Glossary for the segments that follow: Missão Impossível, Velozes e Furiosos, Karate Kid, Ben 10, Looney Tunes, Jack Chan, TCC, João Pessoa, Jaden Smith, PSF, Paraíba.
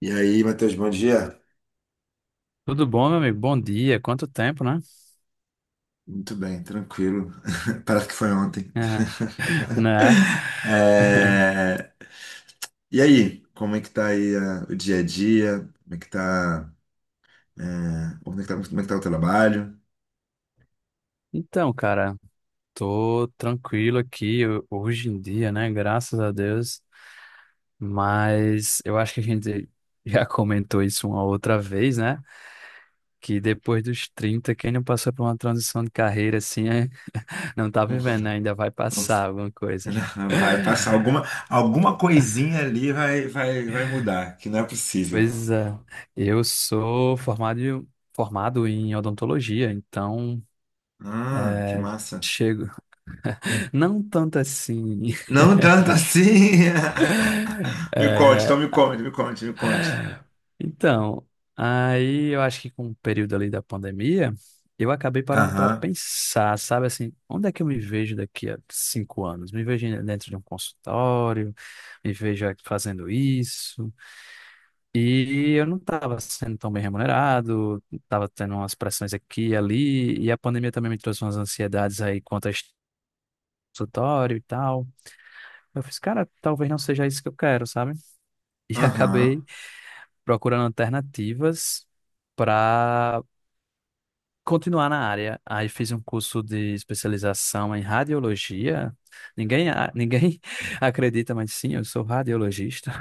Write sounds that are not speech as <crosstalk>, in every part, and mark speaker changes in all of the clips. Speaker 1: E aí, Matheus, bom dia?
Speaker 2: Tudo bom, meu amigo? Bom dia. Quanto tempo, né?
Speaker 1: Muito bem, tranquilo. <laughs> Parece que foi ontem.
Speaker 2: É, né?
Speaker 1: <laughs> É. E aí, como é que tá aí o dia a dia? Como é que tá, é, como é que tá o trabalho?
Speaker 2: Então, cara, tô tranquilo aqui hoje em dia, né? Graças a Deus. Mas eu acho que a gente <laughs> já comentou isso uma outra vez, né? Que depois dos 30 quem não passou por uma transição de carreira assim, <laughs> não tá
Speaker 1: Hum,
Speaker 2: vivendo, né? Ainda vai
Speaker 1: nossa.
Speaker 2: passar alguma coisa.
Speaker 1: <laughs> Vai passar alguma coisinha ali vai mudar, que não é possível.
Speaker 2: Pois é, eu sou formado em odontologia, então
Speaker 1: Ah, que massa.
Speaker 2: chego. <laughs> Não tanto assim.
Speaker 1: Não tanto assim. <laughs> Me conte, então me
Speaker 2: <laughs>
Speaker 1: conte, me conte, me conte.
Speaker 2: Então, aí eu acho que com o período ali da pandemia, eu acabei parando para
Speaker 1: Aham,
Speaker 2: pensar, sabe assim, onde é que eu me vejo daqui a 5 anos? Me vejo dentro de um consultório, me vejo aqui fazendo isso. E eu não estava sendo tão bem remunerado, estava tendo umas pressões aqui e ali, e a pandemia também me trouxe umas ansiedades aí quanto a este consultório e tal. Eu fiz, cara, talvez não seja isso que eu quero, sabe? E <laughs>
Speaker 1: aham.
Speaker 2: acabei procurando alternativas para continuar na área. Aí fiz um curso de especialização em radiologia. <laughs> Ninguém acredita, mas sim, eu sou radiologista.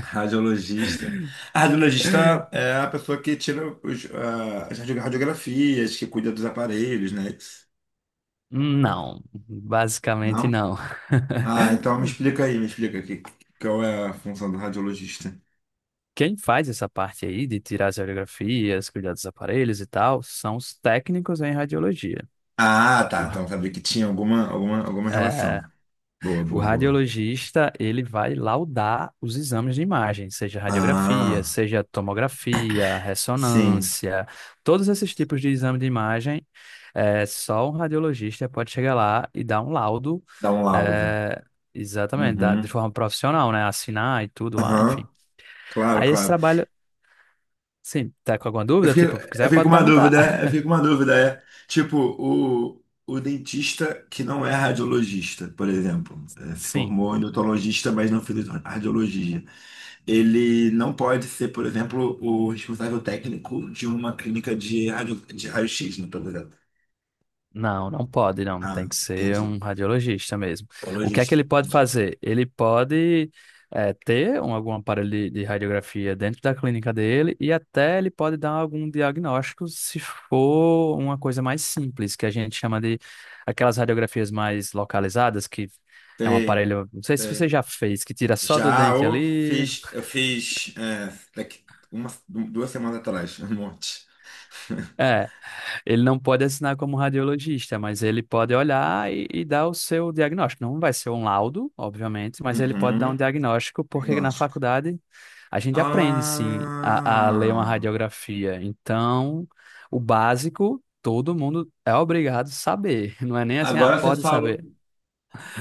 Speaker 1: Radiologista. A radiologista é a pessoa que tira as radiografias, que cuida dos aparelhos, né?
Speaker 2: Não, basicamente
Speaker 1: Não?
Speaker 2: não.
Speaker 1: Ah, então
Speaker 2: <laughs>
Speaker 1: me explica aí, me explica aqui qual é a função do radiologista.
Speaker 2: Quem faz essa parte aí de tirar as radiografias, cuidar dos aparelhos e tal, são os técnicos em radiologia.
Speaker 1: Ah, tá.
Speaker 2: Uau.
Speaker 1: Então sabia que tinha alguma relação. Boa,
Speaker 2: O
Speaker 1: boa, boa.
Speaker 2: radiologista, ele vai laudar os exames de imagem, seja radiografia,
Speaker 1: Ah,
Speaker 2: seja tomografia,
Speaker 1: sim.
Speaker 2: ressonância, todos esses tipos de exame de imagem, só um radiologista pode chegar lá e dar um laudo,
Speaker 1: Dá um laudo.
Speaker 2: é, exatamente, de
Speaker 1: Uhum.
Speaker 2: forma profissional, né? Assinar e tudo lá, enfim.
Speaker 1: Aham. Claro,
Speaker 2: Aí esse
Speaker 1: claro.
Speaker 2: trabalho, sim, tá com alguma dúvida? Tipo, se
Speaker 1: Eu
Speaker 2: quiser
Speaker 1: fiquei com
Speaker 2: pode
Speaker 1: uma
Speaker 2: perguntar.
Speaker 1: dúvida,
Speaker 2: <laughs>
Speaker 1: é. Tipo, o dentista que não é radiologista, por exemplo, se
Speaker 2: Sim.
Speaker 1: formou em odontologista, mas não fez radiologia. Ele não pode ser, por exemplo, o responsável técnico de uma clínica de raio-x, não estou ligado.
Speaker 2: Não, não pode, não.
Speaker 1: Ah,
Speaker 2: Tem que ser
Speaker 1: entendi.
Speaker 2: um radiologista mesmo. O que é que
Speaker 1: Radiologista.
Speaker 2: ele pode
Speaker 1: Entendi.
Speaker 2: fazer? Ele pode ter um, algum aparelho de radiografia dentro da clínica dele e até ele pode dar algum diagnóstico se for uma coisa mais simples, que a gente chama de aquelas radiografias mais localizadas, que é um
Speaker 1: Tem,
Speaker 2: aparelho, não sei se você
Speaker 1: tem.
Speaker 2: já fez, que tira só do
Speaker 1: Já
Speaker 2: dente
Speaker 1: eu
Speaker 2: ali.
Speaker 1: fiz, daqui 2 semanas atrás, um monte. <laughs>
Speaker 2: É, ele não pode assinar como radiologista, mas ele pode olhar e dar o seu diagnóstico. Não vai ser um laudo, obviamente, mas ele pode dar um
Speaker 1: Uhum.
Speaker 2: diagnóstico, porque na
Speaker 1: Diagnóstico.
Speaker 2: faculdade a gente aprende, sim, a ler uma
Speaker 1: Ah,
Speaker 2: radiografia. Então, o básico, todo mundo é obrigado a saber. <laughs> Não é nem assim, ah,
Speaker 1: agora você
Speaker 2: pode saber.
Speaker 1: falou,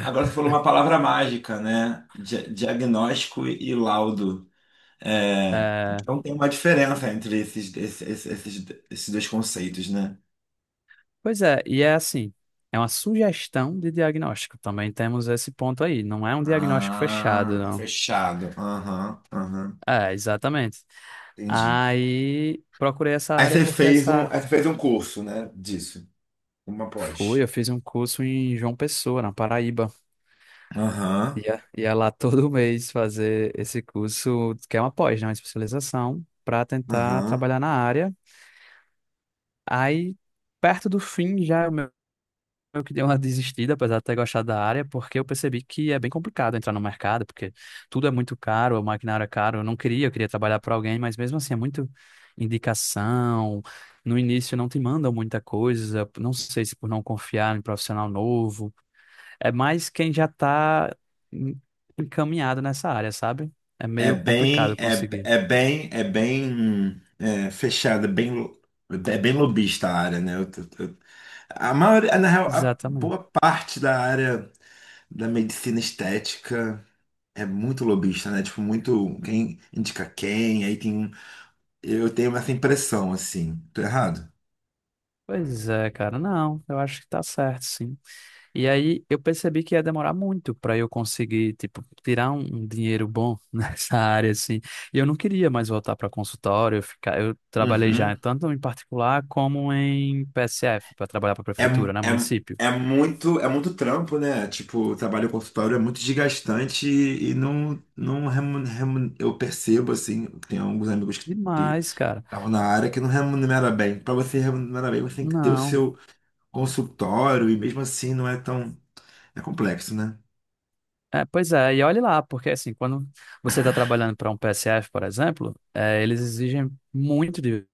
Speaker 1: uma palavra mágica, né? Diagnóstico e laudo. É,
Speaker 2: É,
Speaker 1: então tem uma diferença entre esses dois conceitos, né?
Speaker 2: pois é, e é assim, é uma sugestão de diagnóstico. Também temos esse ponto aí. Não é um diagnóstico fechado,
Speaker 1: Ah,
Speaker 2: não.
Speaker 1: fechado. Aham, aham,
Speaker 2: É, exatamente.
Speaker 1: entendi.
Speaker 2: Aí procurei essa
Speaker 1: Aí
Speaker 2: área
Speaker 1: você
Speaker 2: porque
Speaker 1: fez um,
Speaker 2: essa.
Speaker 1: aí você fez um curso, né, disso, uma
Speaker 2: Fui,
Speaker 1: pós.
Speaker 2: eu fiz um curso em João Pessoa, na Paraíba.
Speaker 1: Aham,
Speaker 2: Ia lá todo <laughs> mês fazer esse curso, que é uma pós, né? Uma especialização, para tentar
Speaker 1: aham.
Speaker 2: trabalhar na área. Aí, perto do fim, já eu que dei uma desistida, apesar de ter gostado da área, porque eu percebi que é bem complicado entrar no mercado, porque tudo é muito caro, o maquinário é caro. Eu não queria, eu queria trabalhar para alguém, mas mesmo assim é muito indicação. No início não te mandam muita coisa, não sei se por não confiar em profissional novo. É mais quem já está encaminhado nessa área, sabe? É meio complicado conseguir.
Speaker 1: Fechada, é bem lobista a área, né? A maioria, na real, a
Speaker 2: Exatamente.
Speaker 1: boa parte da área da medicina estética é muito lobista, né? Tipo, muito quem indica quem, eu tenho essa impressão, assim. Tô errado?
Speaker 2: Pois é, cara. Não, eu acho que tá certo, sim. E aí eu percebi que ia demorar muito para eu conseguir, tipo, tirar um dinheiro bom <laughs> nessa área, assim. E eu não queria mais voltar para consultório, eu ficar, eu trabalhei já tanto em particular como em PSF, para trabalhar para
Speaker 1: É,
Speaker 2: prefeitura, né,
Speaker 1: é,
Speaker 2: município.
Speaker 1: é muito trampo, né? Tipo, o trabalho em consultório é muito desgastante e não eu percebo, assim, tem alguns amigos que
Speaker 2: Demais, cara.
Speaker 1: estavam na área que não remunera bem. Para você remunerar bem, você tem que ter o
Speaker 2: Não.
Speaker 1: seu consultório e mesmo assim não é tão, é complexo, né?
Speaker 2: É, pois é, e olhe lá, porque assim, quando você está trabalhando para um PSF, por exemplo, eles exigem muito de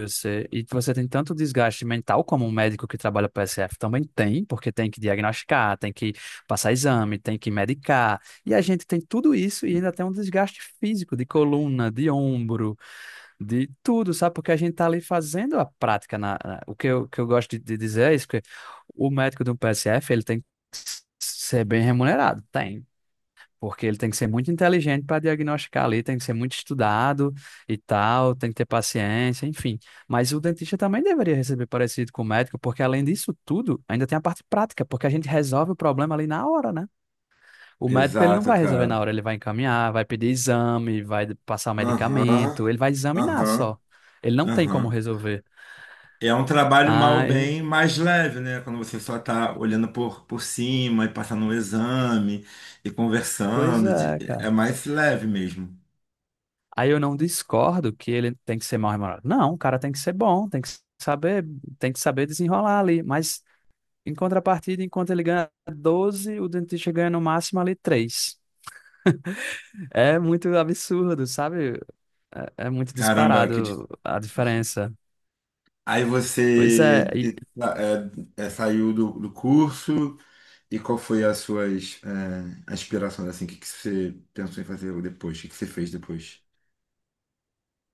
Speaker 2: você, e você tem tanto desgaste mental como um médico que trabalha para SF também tem, porque tem que diagnosticar, tem que passar exame, tem que medicar. E a gente tem tudo isso e ainda tem um desgaste físico de coluna, de ombro, de tudo, sabe? Porque a gente tá ali fazendo a prática. O que eu gosto de dizer é isso, que o médico de um PSF, ele tem que ser bem remunerado, tem. Porque ele tem que ser muito inteligente para diagnosticar ali, tem que ser muito estudado e tal, tem que ter paciência, enfim. Mas o dentista também deveria receber parecido com o médico, porque além disso tudo, ainda tem a parte prática, porque a gente resolve o problema ali na hora, né? O médico ele não
Speaker 1: Exato,
Speaker 2: vai resolver na
Speaker 1: cara.
Speaker 2: hora, ele vai encaminhar, vai pedir exame, vai passar o
Speaker 1: Aham,
Speaker 2: medicamento, ele vai examinar só.
Speaker 1: aham,
Speaker 2: Ele não tem como
Speaker 1: aham.
Speaker 2: resolver.
Speaker 1: É um trabalho mal ou
Speaker 2: Ai,
Speaker 1: bem mais leve, né? Quando você só está olhando por cima e passando um exame e
Speaker 2: pois
Speaker 1: conversando,
Speaker 2: é,
Speaker 1: é
Speaker 2: cara.
Speaker 1: mais leve mesmo.
Speaker 2: Aí eu não discordo que ele tem que ser mal remunerado. Não, o cara tem que ser bom, saber, tem que saber desenrolar ali. Mas em contrapartida, enquanto ele ganha 12, o dentista ganha no máximo ali 3. É muito absurdo, sabe? É, é muito
Speaker 1: Caramba, que
Speaker 2: disparado a
Speaker 1: difícil.
Speaker 2: diferença.
Speaker 1: Aí
Speaker 2: Pois
Speaker 1: você
Speaker 2: é, e
Speaker 1: de- tá, é, é, saiu do curso e qual foi as suas aspirações, assim, o que, que você pensou em fazer depois? O que, que você fez depois?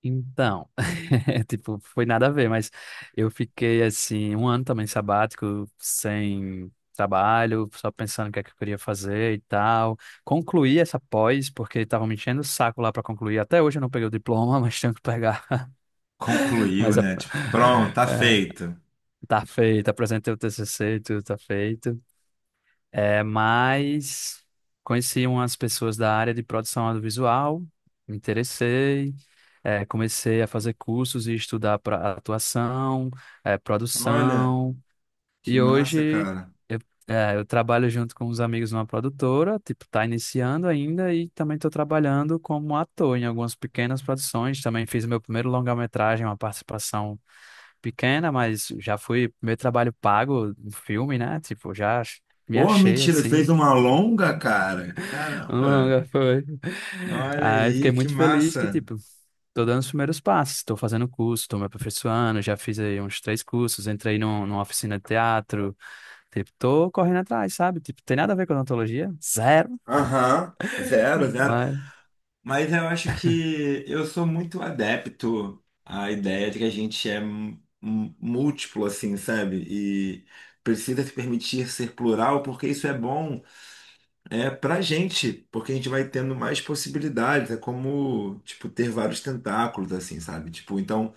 Speaker 2: então, <laughs> tipo, foi nada a ver, mas eu fiquei assim, um ano também sabático, sem trabalho, só pensando o que é que eu queria fazer e tal. Concluí essa pós, porque estavam me enchendo o saco lá para concluir. Até hoje eu não peguei o diploma, <laughs> mas tenho que pegar.
Speaker 1: Concluiu,
Speaker 2: Mas a-
Speaker 1: né? Tipo, pronto, tá
Speaker 2: <laughs> É,
Speaker 1: feito.
Speaker 2: tá feito, apresentei o TCC, e tudo tá feito. É, mas conheci umas pessoas da área de produção audiovisual, me interessei, comecei a fazer cursos e estudar para atuação,
Speaker 1: Olha,
Speaker 2: produção,
Speaker 1: que
Speaker 2: e
Speaker 1: massa,
Speaker 2: hoje
Speaker 1: cara.
Speaker 2: eu, eu trabalho junto com uns amigos numa produtora, tipo, tá iniciando ainda, e também estou trabalhando como ator em algumas pequenas produções, também fiz meu primeiro longa-metragem, uma participação pequena, mas já fui, meu trabalho pago, um filme, né, tipo, já me
Speaker 1: Pô,
Speaker 2: achei
Speaker 1: mentira, ele fez
Speaker 2: assim.
Speaker 1: uma longa, cara.
Speaker 2: Tão
Speaker 1: Caramba,
Speaker 2: longa foi.
Speaker 1: olha
Speaker 2: Aí fiquei
Speaker 1: aí, que
Speaker 2: muito feliz que,
Speaker 1: massa.
Speaker 2: tipo, tô dando os primeiros passos, estou fazendo curso, estou me aperfeiçoando, já fiz aí uns três cursos, entrei num, numa oficina de teatro, tipo, tô correndo atrás, sabe? Tipo, tem nada a ver com odontologia, zero,
Speaker 1: Aham, zero, zero.
Speaker 2: mas
Speaker 1: Mas eu acho que eu sou muito adepto à ideia de que a gente é múltiplo, assim, sabe? E precisa se permitir ser plural, porque isso é bom pra gente, porque a gente vai tendo mais possibilidades. É como, tipo, ter vários tentáculos, assim, sabe? Tipo, então.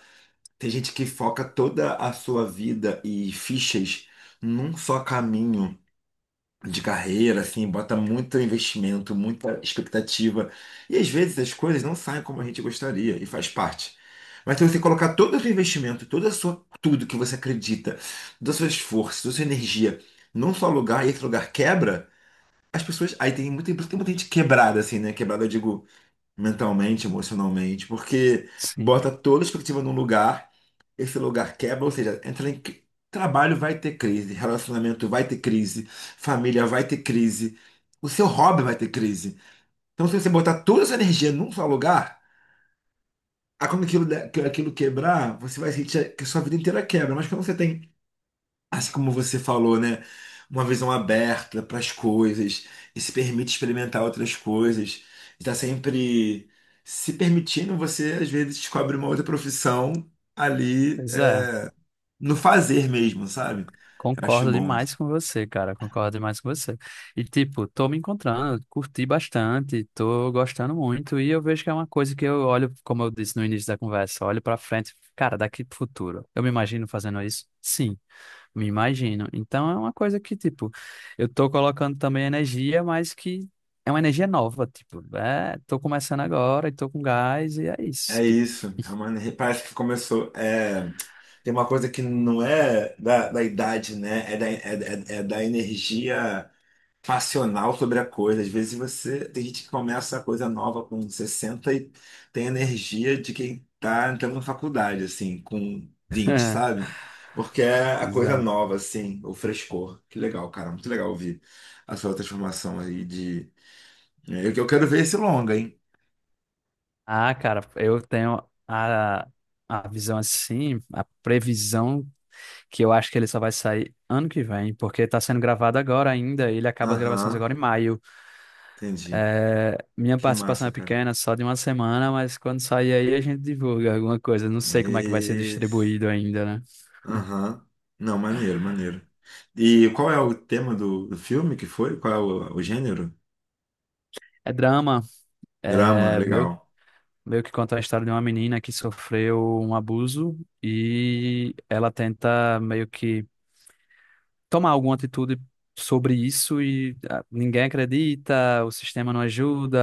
Speaker 1: Tem gente que foca toda a sua vida e fichas num só caminho de carreira, assim, bota muito investimento, muita expectativa. E às vezes as coisas não saem como a gente gostaria, e faz parte. Mas se você colocar todo o seu investimento, tudo que você acredita, todo o seu esforço, toda a sua energia num só lugar, e esse lugar quebra, as pessoas. Aí tem tem muita gente quebrada, assim, né? Quebrada, eu digo, mentalmente, emocionalmente, porque bota
Speaker 2: sim,
Speaker 1: toda a expectativa num lugar, esse lugar quebra, ou seja, entra em trabalho vai ter crise, relacionamento vai ter crise, família vai ter crise, o seu hobby vai ter crise. Então, se você botar toda essa energia num só lugar, a quando aquilo quebrar, você vai sentir que a sua vida inteira quebra. Mas quando você tem, assim como você falou, né, uma visão aberta para as coisas, e se permite experimentar outras coisas, está sempre se permitindo, você às vezes descobre uma outra profissão ali
Speaker 2: pois é.
Speaker 1: no fazer mesmo, sabe? Eu acho
Speaker 2: Concordo
Speaker 1: bom
Speaker 2: demais
Speaker 1: isso.
Speaker 2: com você, cara. Concordo demais com você. E, tipo, tô me encontrando, curti bastante, tô gostando muito. E eu vejo que é uma coisa que eu olho, como eu disse no início da conversa, olho pra frente, cara, daqui pro futuro. Eu me imagino fazendo isso? Sim, me imagino. Então é uma coisa que, tipo, eu tô colocando também energia, mas que é uma energia nova, tipo, tô começando agora e tô com gás e é isso,
Speaker 1: É
Speaker 2: tipo.
Speaker 1: isso, parece que começou. Tem uma coisa que não é da idade, né? É da energia passional sobre a coisa. Às vezes você. Tem gente que começa a coisa nova com 60 e tem energia de quem tá entrando na faculdade, assim, com 20,
Speaker 2: <laughs>
Speaker 1: sabe? Porque é a coisa
Speaker 2: Exato.
Speaker 1: nova, assim, o frescor. Que legal, cara. Muito legal ouvir a sua transformação aí de. Eu quero ver esse longa, hein?
Speaker 2: Ah, cara, eu tenho a visão assim, a previsão que eu acho que ele só vai sair ano que vem, porque tá sendo gravado agora ainda, e ele acaba as
Speaker 1: Aham,
Speaker 2: gravações agora em maio.
Speaker 1: entendi.
Speaker 2: É, minha
Speaker 1: Que
Speaker 2: participação
Speaker 1: massa,
Speaker 2: é
Speaker 1: cara.
Speaker 2: pequena, só de uma semana, mas quando sair aí a gente divulga alguma coisa. Não sei como é que vai ser
Speaker 1: Mas.
Speaker 2: distribuído ainda, né?
Speaker 1: Aham. Não, maneiro, maneiro. E qual é o tema do filme que foi? Qual é o gênero?
Speaker 2: É drama,
Speaker 1: Drama,
Speaker 2: é meio,
Speaker 1: legal.
Speaker 2: meio que conta a história de uma menina que sofreu um abuso e ela tenta meio que tomar alguma atitude sobre isso e ah, ninguém acredita, o sistema não ajuda,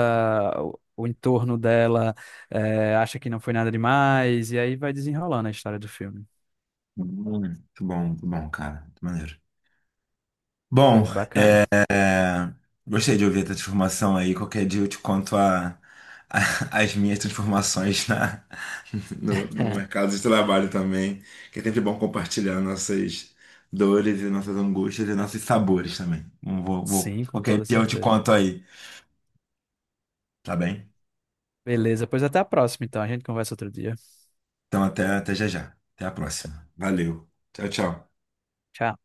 Speaker 2: o entorno dela acha que não foi nada demais, e aí vai desenrolando a história do filme.
Speaker 1: Hum, muito bom, cara. Muito maneiro. Bom,
Speaker 2: É bacana.
Speaker 1: gostei de ouvir a tua transformação aí. Qualquer dia eu te conto as minhas transformações <laughs> no
Speaker 2: <laughs>
Speaker 1: mercado de trabalho também. Que é sempre bom compartilhar nossas dores e nossas angústias e nossos sabores também. Não
Speaker 2: Sim, com
Speaker 1: qualquer
Speaker 2: toda
Speaker 1: dia eu te
Speaker 2: certeza.
Speaker 1: conto aí, tá bem?
Speaker 2: Beleza, pois até a próxima, então. A gente conversa outro dia.
Speaker 1: Então até já já. Até a próxima. Valeu. Tchau, tchau.
Speaker 2: Tchau.